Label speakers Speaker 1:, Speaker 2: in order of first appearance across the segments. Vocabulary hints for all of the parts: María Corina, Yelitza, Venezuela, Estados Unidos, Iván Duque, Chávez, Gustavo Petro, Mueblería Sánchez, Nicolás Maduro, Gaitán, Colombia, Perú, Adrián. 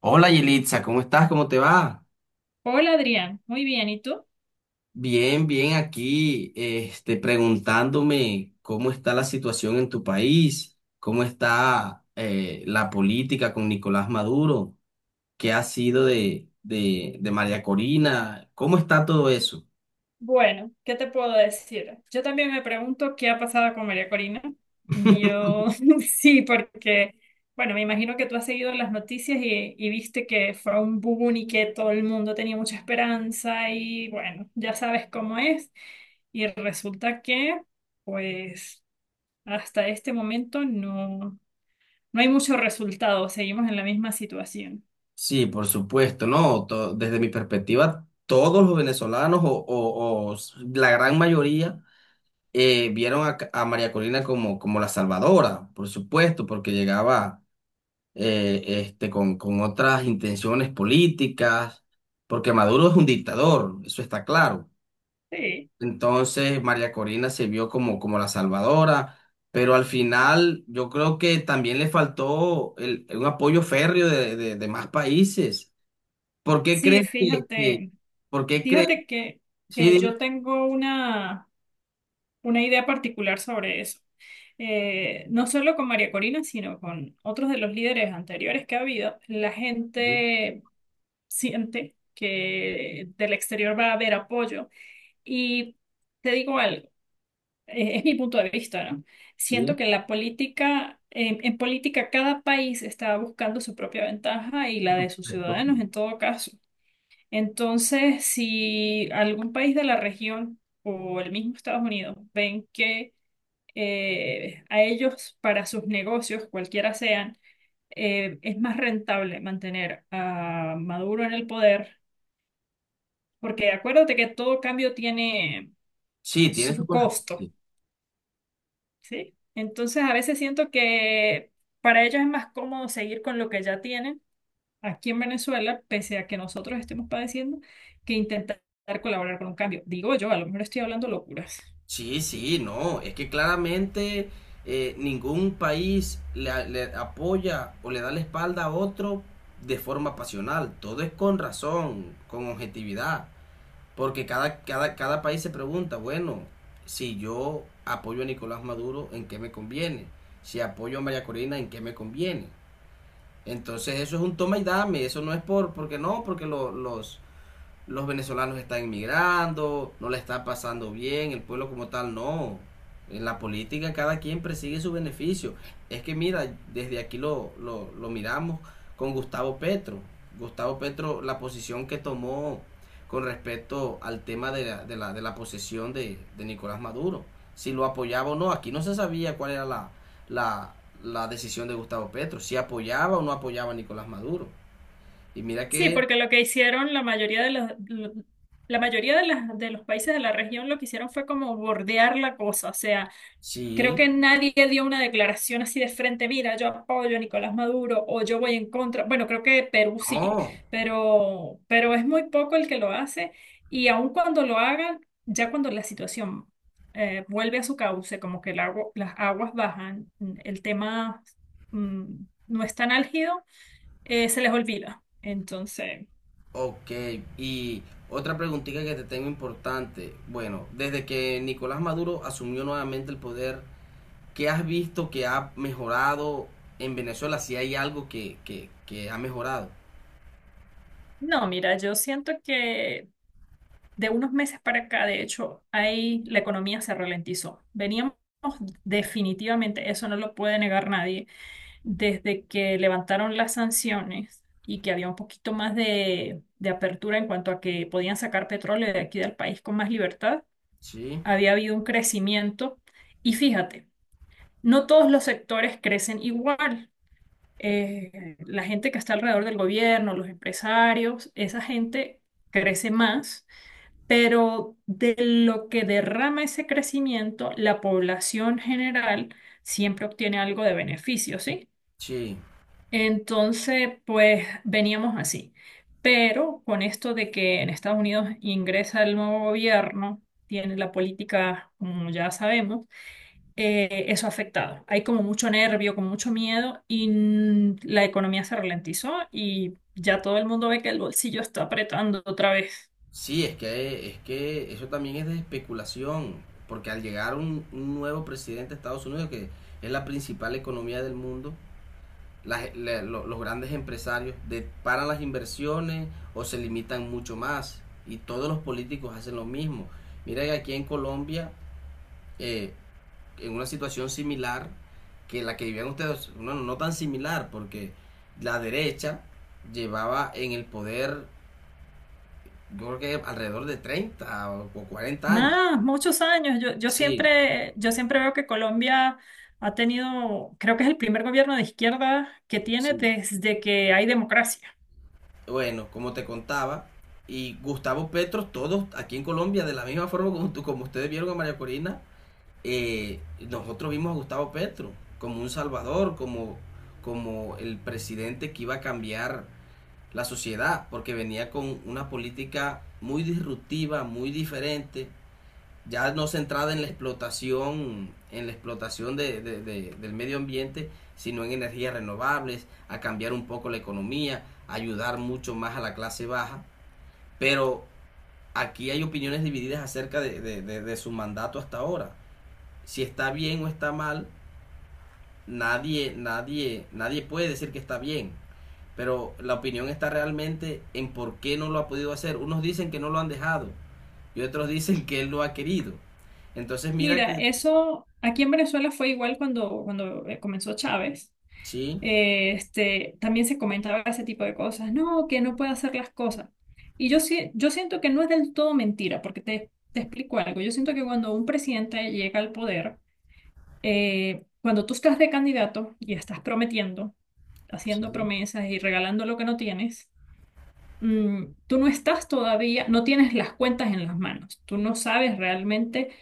Speaker 1: Hola Yelitza, ¿cómo estás? ¿Cómo te va?
Speaker 2: Hola Adrián, muy bien, ¿y tú?
Speaker 1: Bien, bien aquí, preguntándome cómo está la situación en tu país, cómo está la política con Nicolás Maduro, qué ha sido de María Corina, cómo está todo eso.
Speaker 2: Bueno, ¿qué te puedo decir? Yo también me pregunto qué ha pasado con María Corina. Yo sí, porque, bueno, me imagino que tú has seguido las noticias y viste que fue un boom y que todo el mundo tenía mucha esperanza y bueno, ya sabes cómo es. Y resulta que, pues, hasta este momento no hay mucho resultado, seguimos en la misma situación.
Speaker 1: Sí, por supuesto, no, desde mi perspectiva, todos los venezolanos la gran mayoría vieron a María Corina como la salvadora, por supuesto, porque llegaba con otras intenciones políticas, porque Maduro es un dictador, eso está claro.
Speaker 2: Sí.
Speaker 1: Entonces María Corina se vio como la salvadora, pero al final yo creo que también le faltó un apoyo férreo de más países. ¿Por qué
Speaker 2: Sí,
Speaker 1: crees
Speaker 2: fíjate.
Speaker 1: por qué crees?
Speaker 2: Fíjate que,
Speaker 1: Sí,
Speaker 2: que
Speaker 1: dime.
Speaker 2: yo tengo una idea particular sobre eso. No solo con María Corina, sino con otros de los líderes anteriores que ha habido, la
Speaker 1: Sí,
Speaker 2: gente siente que del exterior va a haber apoyo. Y te digo algo, es mi punto de vista, ¿no?
Speaker 1: sí,
Speaker 2: Siento que en política cada país está buscando su propia ventaja y la de sus
Speaker 1: correcto.
Speaker 2: ciudadanos en todo caso. Entonces, si algún país de la región o el mismo Estados Unidos ven que a ellos, para sus negocios, cualquiera sean, es más rentable mantener a Maduro en el poder, porque acuérdate que todo cambio tiene
Speaker 1: Sí, tiene su
Speaker 2: su costo,
Speaker 1: consecuencia.
Speaker 2: ¿sí? Entonces, a veces siento que para ellos es más cómodo seguir con lo que ya tienen aquí en Venezuela, pese a que nosotros estemos padeciendo, que intentar colaborar con un cambio. Digo yo, a lo mejor estoy hablando locuras.
Speaker 1: Sí, sí, no, es que claramente ningún país le apoya o le da la espalda a otro de forma pasional, todo es con razón, con objetividad, porque cada país se pregunta, bueno, si yo apoyo a Nicolás Maduro, ¿en qué me conviene? Si apoyo a María Corina, ¿en qué me conviene? Entonces eso es un toma y dame, eso no es porque no, porque los venezolanos están emigrando, no le está pasando bien, el pueblo como tal no. En la política cada quien persigue su beneficio. Es que mira, desde aquí lo miramos con Gustavo Petro. Gustavo Petro, la posición que tomó con respecto al tema de la posesión de Nicolás Maduro. Si lo apoyaba o no, aquí no se sabía cuál era la, la decisión de Gustavo Petro, si apoyaba o no apoyaba a Nicolás Maduro. Y mira
Speaker 2: Sí,
Speaker 1: que
Speaker 2: porque lo que hicieron la mayoría de los países de la región lo que hicieron fue como bordear la cosa, o sea, creo
Speaker 1: sí,
Speaker 2: que nadie dio una declaración así de frente, mira, yo apoyo a Nicolás Maduro o yo voy en contra. Bueno, creo que Perú sí,
Speaker 1: no,
Speaker 2: pero es muy poco el que lo hace y aun cuando lo hagan, ya cuando la situación vuelve a su cauce, como que las aguas bajan, el tema mm, no es tan álgido, se les olvida. Entonces,
Speaker 1: ok, y otra preguntita que te tengo importante. Bueno, desde que Nicolás Maduro asumió nuevamente el poder, ¿qué has visto que ha mejorado en Venezuela? Si hay algo que ha mejorado.
Speaker 2: no, mira, yo siento que de unos meses para acá, de hecho, ahí la economía se ralentizó. Veníamos definitivamente, eso no lo puede negar nadie, desde que levantaron las sanciones y que había un poquito más de apertura en cuanto a que podían sacar petróleo de aquí del país con más libertad,
Speaker 1: Sí,
Speaker 2: había habido un crecimiento. Y fíjate, no todos los sectores crecen igual. La gente que está alrededor del gobierno, los empresarios, esa gente crece más, pero de lo que derrama ese crecimiento, la población general siempre obtiene algo de beneficio, ¿sí?
Speaker 1: sí,
Speaker 2: Entonces, pues veníamos así. Pero con esto de que en Estados Unidos ingresa el nuevo gobierno, tiene la política, como ya sabemos, eso ha afectado. Hay como mucho nervio, como mucho miedo y la economía se ralentizó y ya todo el mundo ve que el bolsillo está apretando otra vez.
Speaker 1: sí, es que eso también es de especulación, porque al llegar un nuevo presidente de Estados Unidos, que es la principal economía del mundo, las, la, los grandes empresarios de, paran las inversiones o se limitan mucho más. Y todos los políticos hacen lo mismo. Mira que aquí en Colombia, eh, en una situación similar que la que vivían ustedes, no, no tan similar, porque la derecha llevaba en el poder, yo creo que alrededor de 30 o 40 años.
Speaker 2: Más, muchos años.
Speaker 1: Sí,
Speaker 2: Yo siempre veo que Colombia ha tenido, creo que es el primer gobierno de izquierda que tiene
Speaker 1: sí.
Speaker 2: desde que hay democracia.
Speaker 1: Bueno, como te contaba, y Gustavo Petro, todos aquí en Colombia, de la misma forma como, como ustedes vieron a María Corina, eh, nosotros vimos a Gustavo Petro como un salvador, como, como el presidente que iba a cambiar la sociedad, porque venía con una política muy disruptiva, muy diferente, ya no centrada en la explotación del medio ambiente, sino en energías renovables, a cambiar un poco la economía, a ayudar mucho más a la clase baja. Pero aquí hay opiniones divididas acerca de su mandato hasta ahora. Si está bien o está mal, nadie puede decir que está bien. Pero la opinión está realmente en por qué no lo ha podido hacer. Unos dicen que no lo han dejado y otros dicen que él lo ha querido. Entonces mira que
Speaker 2: Mira, eso aquí en Venezuela fue igual cuando comenzó Chávez.
Speaker 1: sí,
Speaker 2: También se comentaba ese tipo de cosas, no, que no puede hacer las cosas. Y yo, sí- yo siento que no es del todo mentira, porque te explico algo. Yo siento que cuando un presidente llega al poder, cuando tú estás de candidato y estás prometiendo, haciendo
Speaker 1: sí,
Speaker 2: promesas y regalando lo que no tienes, tú no estás todavía, no tienes las cuentas en las manos, tú no sabes realmente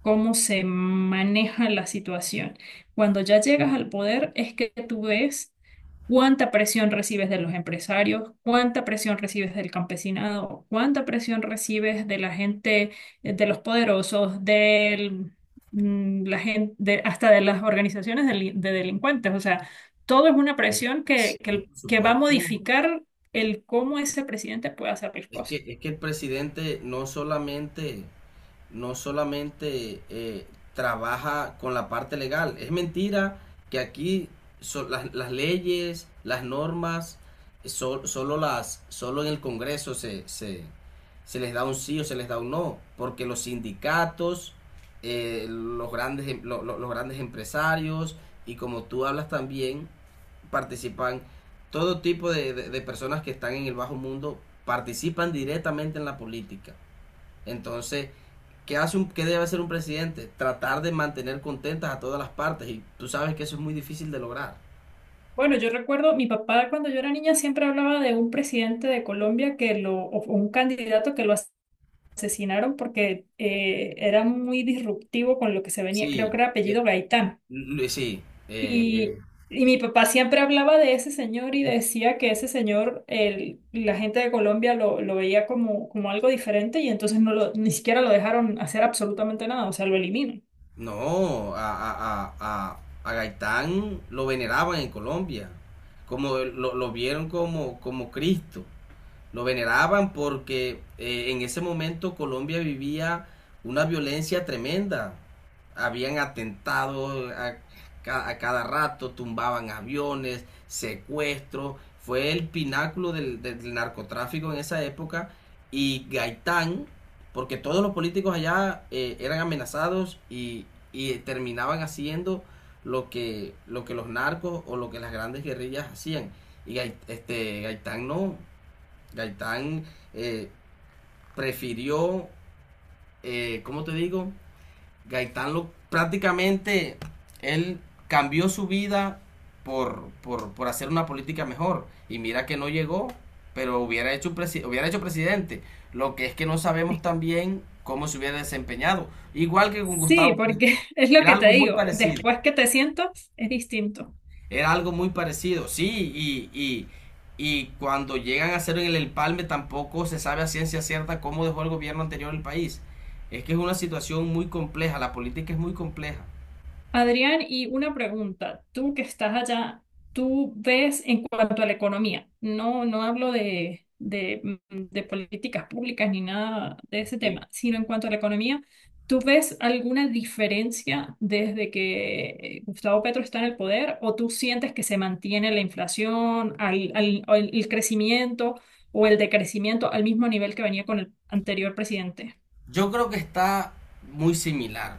Speaker 2: cómo se maneja la situación. Cuando ya llegas al poder es que tú ves cuánta presión recibes de los empresarios, cuánta presión recibes del campesinado, cuánta presión recibes de la gente, de los poderosos, la gente, hasta de las organizaciones de, de delincuentes. O sea, todo es una presión
Speaker 1: sí,
Speaker 2: que, que,
Speaker 1: por
Speaker 2: que va a
Speaker 1: supuesto.
Speaker 2: modificar el cómo ese presidente puede hacer las cosas.
Speaker 1: Es que el presidente no solamente trabaja con la parte legal. Es mentira que aquí las leyes, las normas, solo en el Congreso se les da un sí o se les da un no, porque los sindicatos, los, grandes, em- lo- los grandes empresarios, y como tú hablas también, participan todo tipo de personas que están en el bajo mundo, participan directamente en la política. Entonces, ¿qué debe hacer un presidente? Tratar de mantener contentas a todas las partes, y tú sabes que eso es muy difícil de lograr.
Speaker 2: Bueno, yo recuerdo, mi papá cuando yo era niña siempre hablaba de un presidente de Colombia que lo, o un candidato que lo asesinaron porque era muy disruptivo con lo que se venía, creo
Speaker 1: Sí,
Speaker 2: que era
Speaker 1: eh,
Speaker 2: apellido Gaitán.
Speaker 1: l- sí, eh, eh,
Speaker 2: Y, y mi papá siempre hablaba de ese señor y decía que ese señor, el, la gente de Colombia lo veía como, como algo diferente y entonces no lo, ni siquiera lo dejaron hacer absolutamente nada, o sea, lo eliminó.
Speaker 1: no, a Gaitán lo veneraban en Colombia, como lo vieron como, como Cristo. Lo veneraban porque en ese momento Colombia vivía una violencia tremenda. Habían atentado a cada rato, tumbaban aviones, secuestros. Fue el pináculo del narcotráfico en esa época. Y Gaitán, porque todos los políticos allá eran amenazados y terminaban haciendo lo que los narcos o lo que las grandes guerrillas hacían. Y Gaitán no, Gaitán eh, prefirió, ¿cómo te digo? Prácticamente, él cambió su vida por hacer una política mejor. Y mira que no llegó, pero hubiera hecho, hubiera hecho presidente. Lo que es que no sabemos también cómo se hubiera desempeñado. Igual que con
Speaker 2: Sí,
Speaker 1: Gustavo Petro.
Speaker 2: porque es lo
Speaker 1: Era
Speaker 2: que te
Speaker 1: algo muy
Speaker 2: digo,
Speaker 1: parecido.
Speaker 2: después que te siento es distinto.
Speaker 1: Era algo muy parecido, sí, y cuando llegan a hacer el empalme tampoco se sabe a ciencia cierta cómo dejó el gobierno anterior el país. Es que es una situación muy compleja, la política es muy compleja.
Speaker 2: Adrián, y una pregunta. Tú que estás allá, ¿tú ves en cuanto a la economía? No, no hablo de políticas públicas ni nada de ese
Speaker 1: Sí.
Speaker 2: tema, sino en cuanto a la economía, ¿tú ves alguna diferencia desde que Gustavo Petro está en el poder o tú sientes que se mantiene la inflación, el crecimiento o el decrecimiento al mismo nivel que venía con el anterior presidente?
Speaker 1: Yo creo que está muy similar,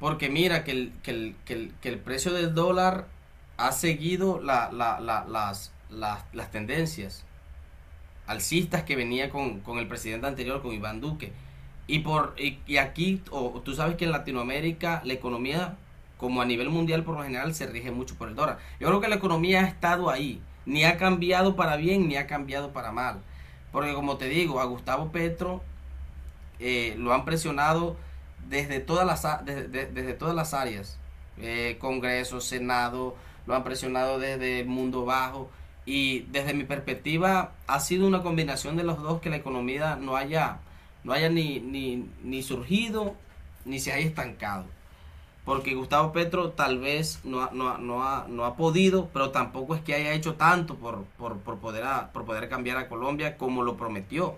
Speaker 1: porque mira que el precio del dólar ha seguido las tendencias alcistas que venía con el presidente anterior, con Iván Duque. Y aquí, o, tú sabes que en Latinoamérica la economía, como a nivel mundial por lo general, se rige mucho por el dólar. Yo creo que la economía ha estado ahí, ni ha cambiado para bien, ni ha cambiado para mal. Porque como te digo, a Gustavo Petro lo han presionado desde todas desde todas las áreas, Congreso, Senado, lo han presionado desde el mundo bajo, y desde mi perspectiva ha sido una combinación de los dos que la economía no haya, no haya ni surgido ni se haya estancado. Porque Gustavo Petro tal vez no ha podido, pero tampoco es que haya hecho tanto por poder, por poder cambiar a Colombia como lo prometió.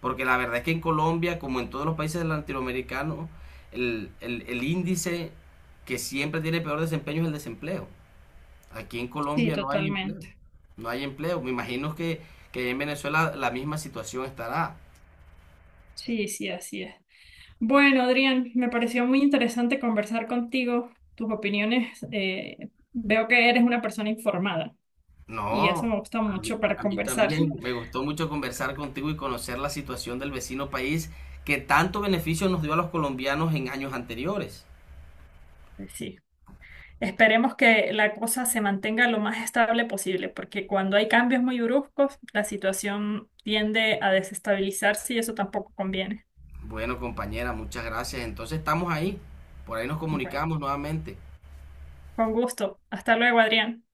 Speaker 1: Porque la verdad es que en Colombia, como en todos los países latinoamericanos, el índice que siempre tiene peor desempeño es el desempleo. Aquí en
Speaker 2: Sí,
Speaker 1: Colombia no hay empleo.
Speaker 2: totalmente.
Speaker 1: No hay empleo. Me imagino que en Venezuela la misma situación estará.
Speaker 2: Sí, sí, así es. Bueno, Adrián, me pareció muy interesante conversar contigo. Tus opiniones, veo que eres una persona informada y eso
Speaker 1: No,
Speaker 2: me gusta mucho para
Speaker 1: a mí
Speaker 2: conversar.
Speaker 1: también me gustó mucho conversar contigo y conocer la situación del vecino país que tanto beneficio nos dio a los colombianos en años anteriores.
Speaker 2: Pues sí. Esperemos que la cosa se mantenga lo más estable posible, porque cuando hay cambios muy bruscos, la situación tiende a desestabilizarse y eso tampoco conviene.
Speaker 1: Bueno, compañera, muchas gracias. Entonces estamos ahí. Por ahí nos
Speaker 2: Bueno,
Speaker 1: comunicamos nuevamente.
Speaker 2: con gusto. Hasta luego, Adrián.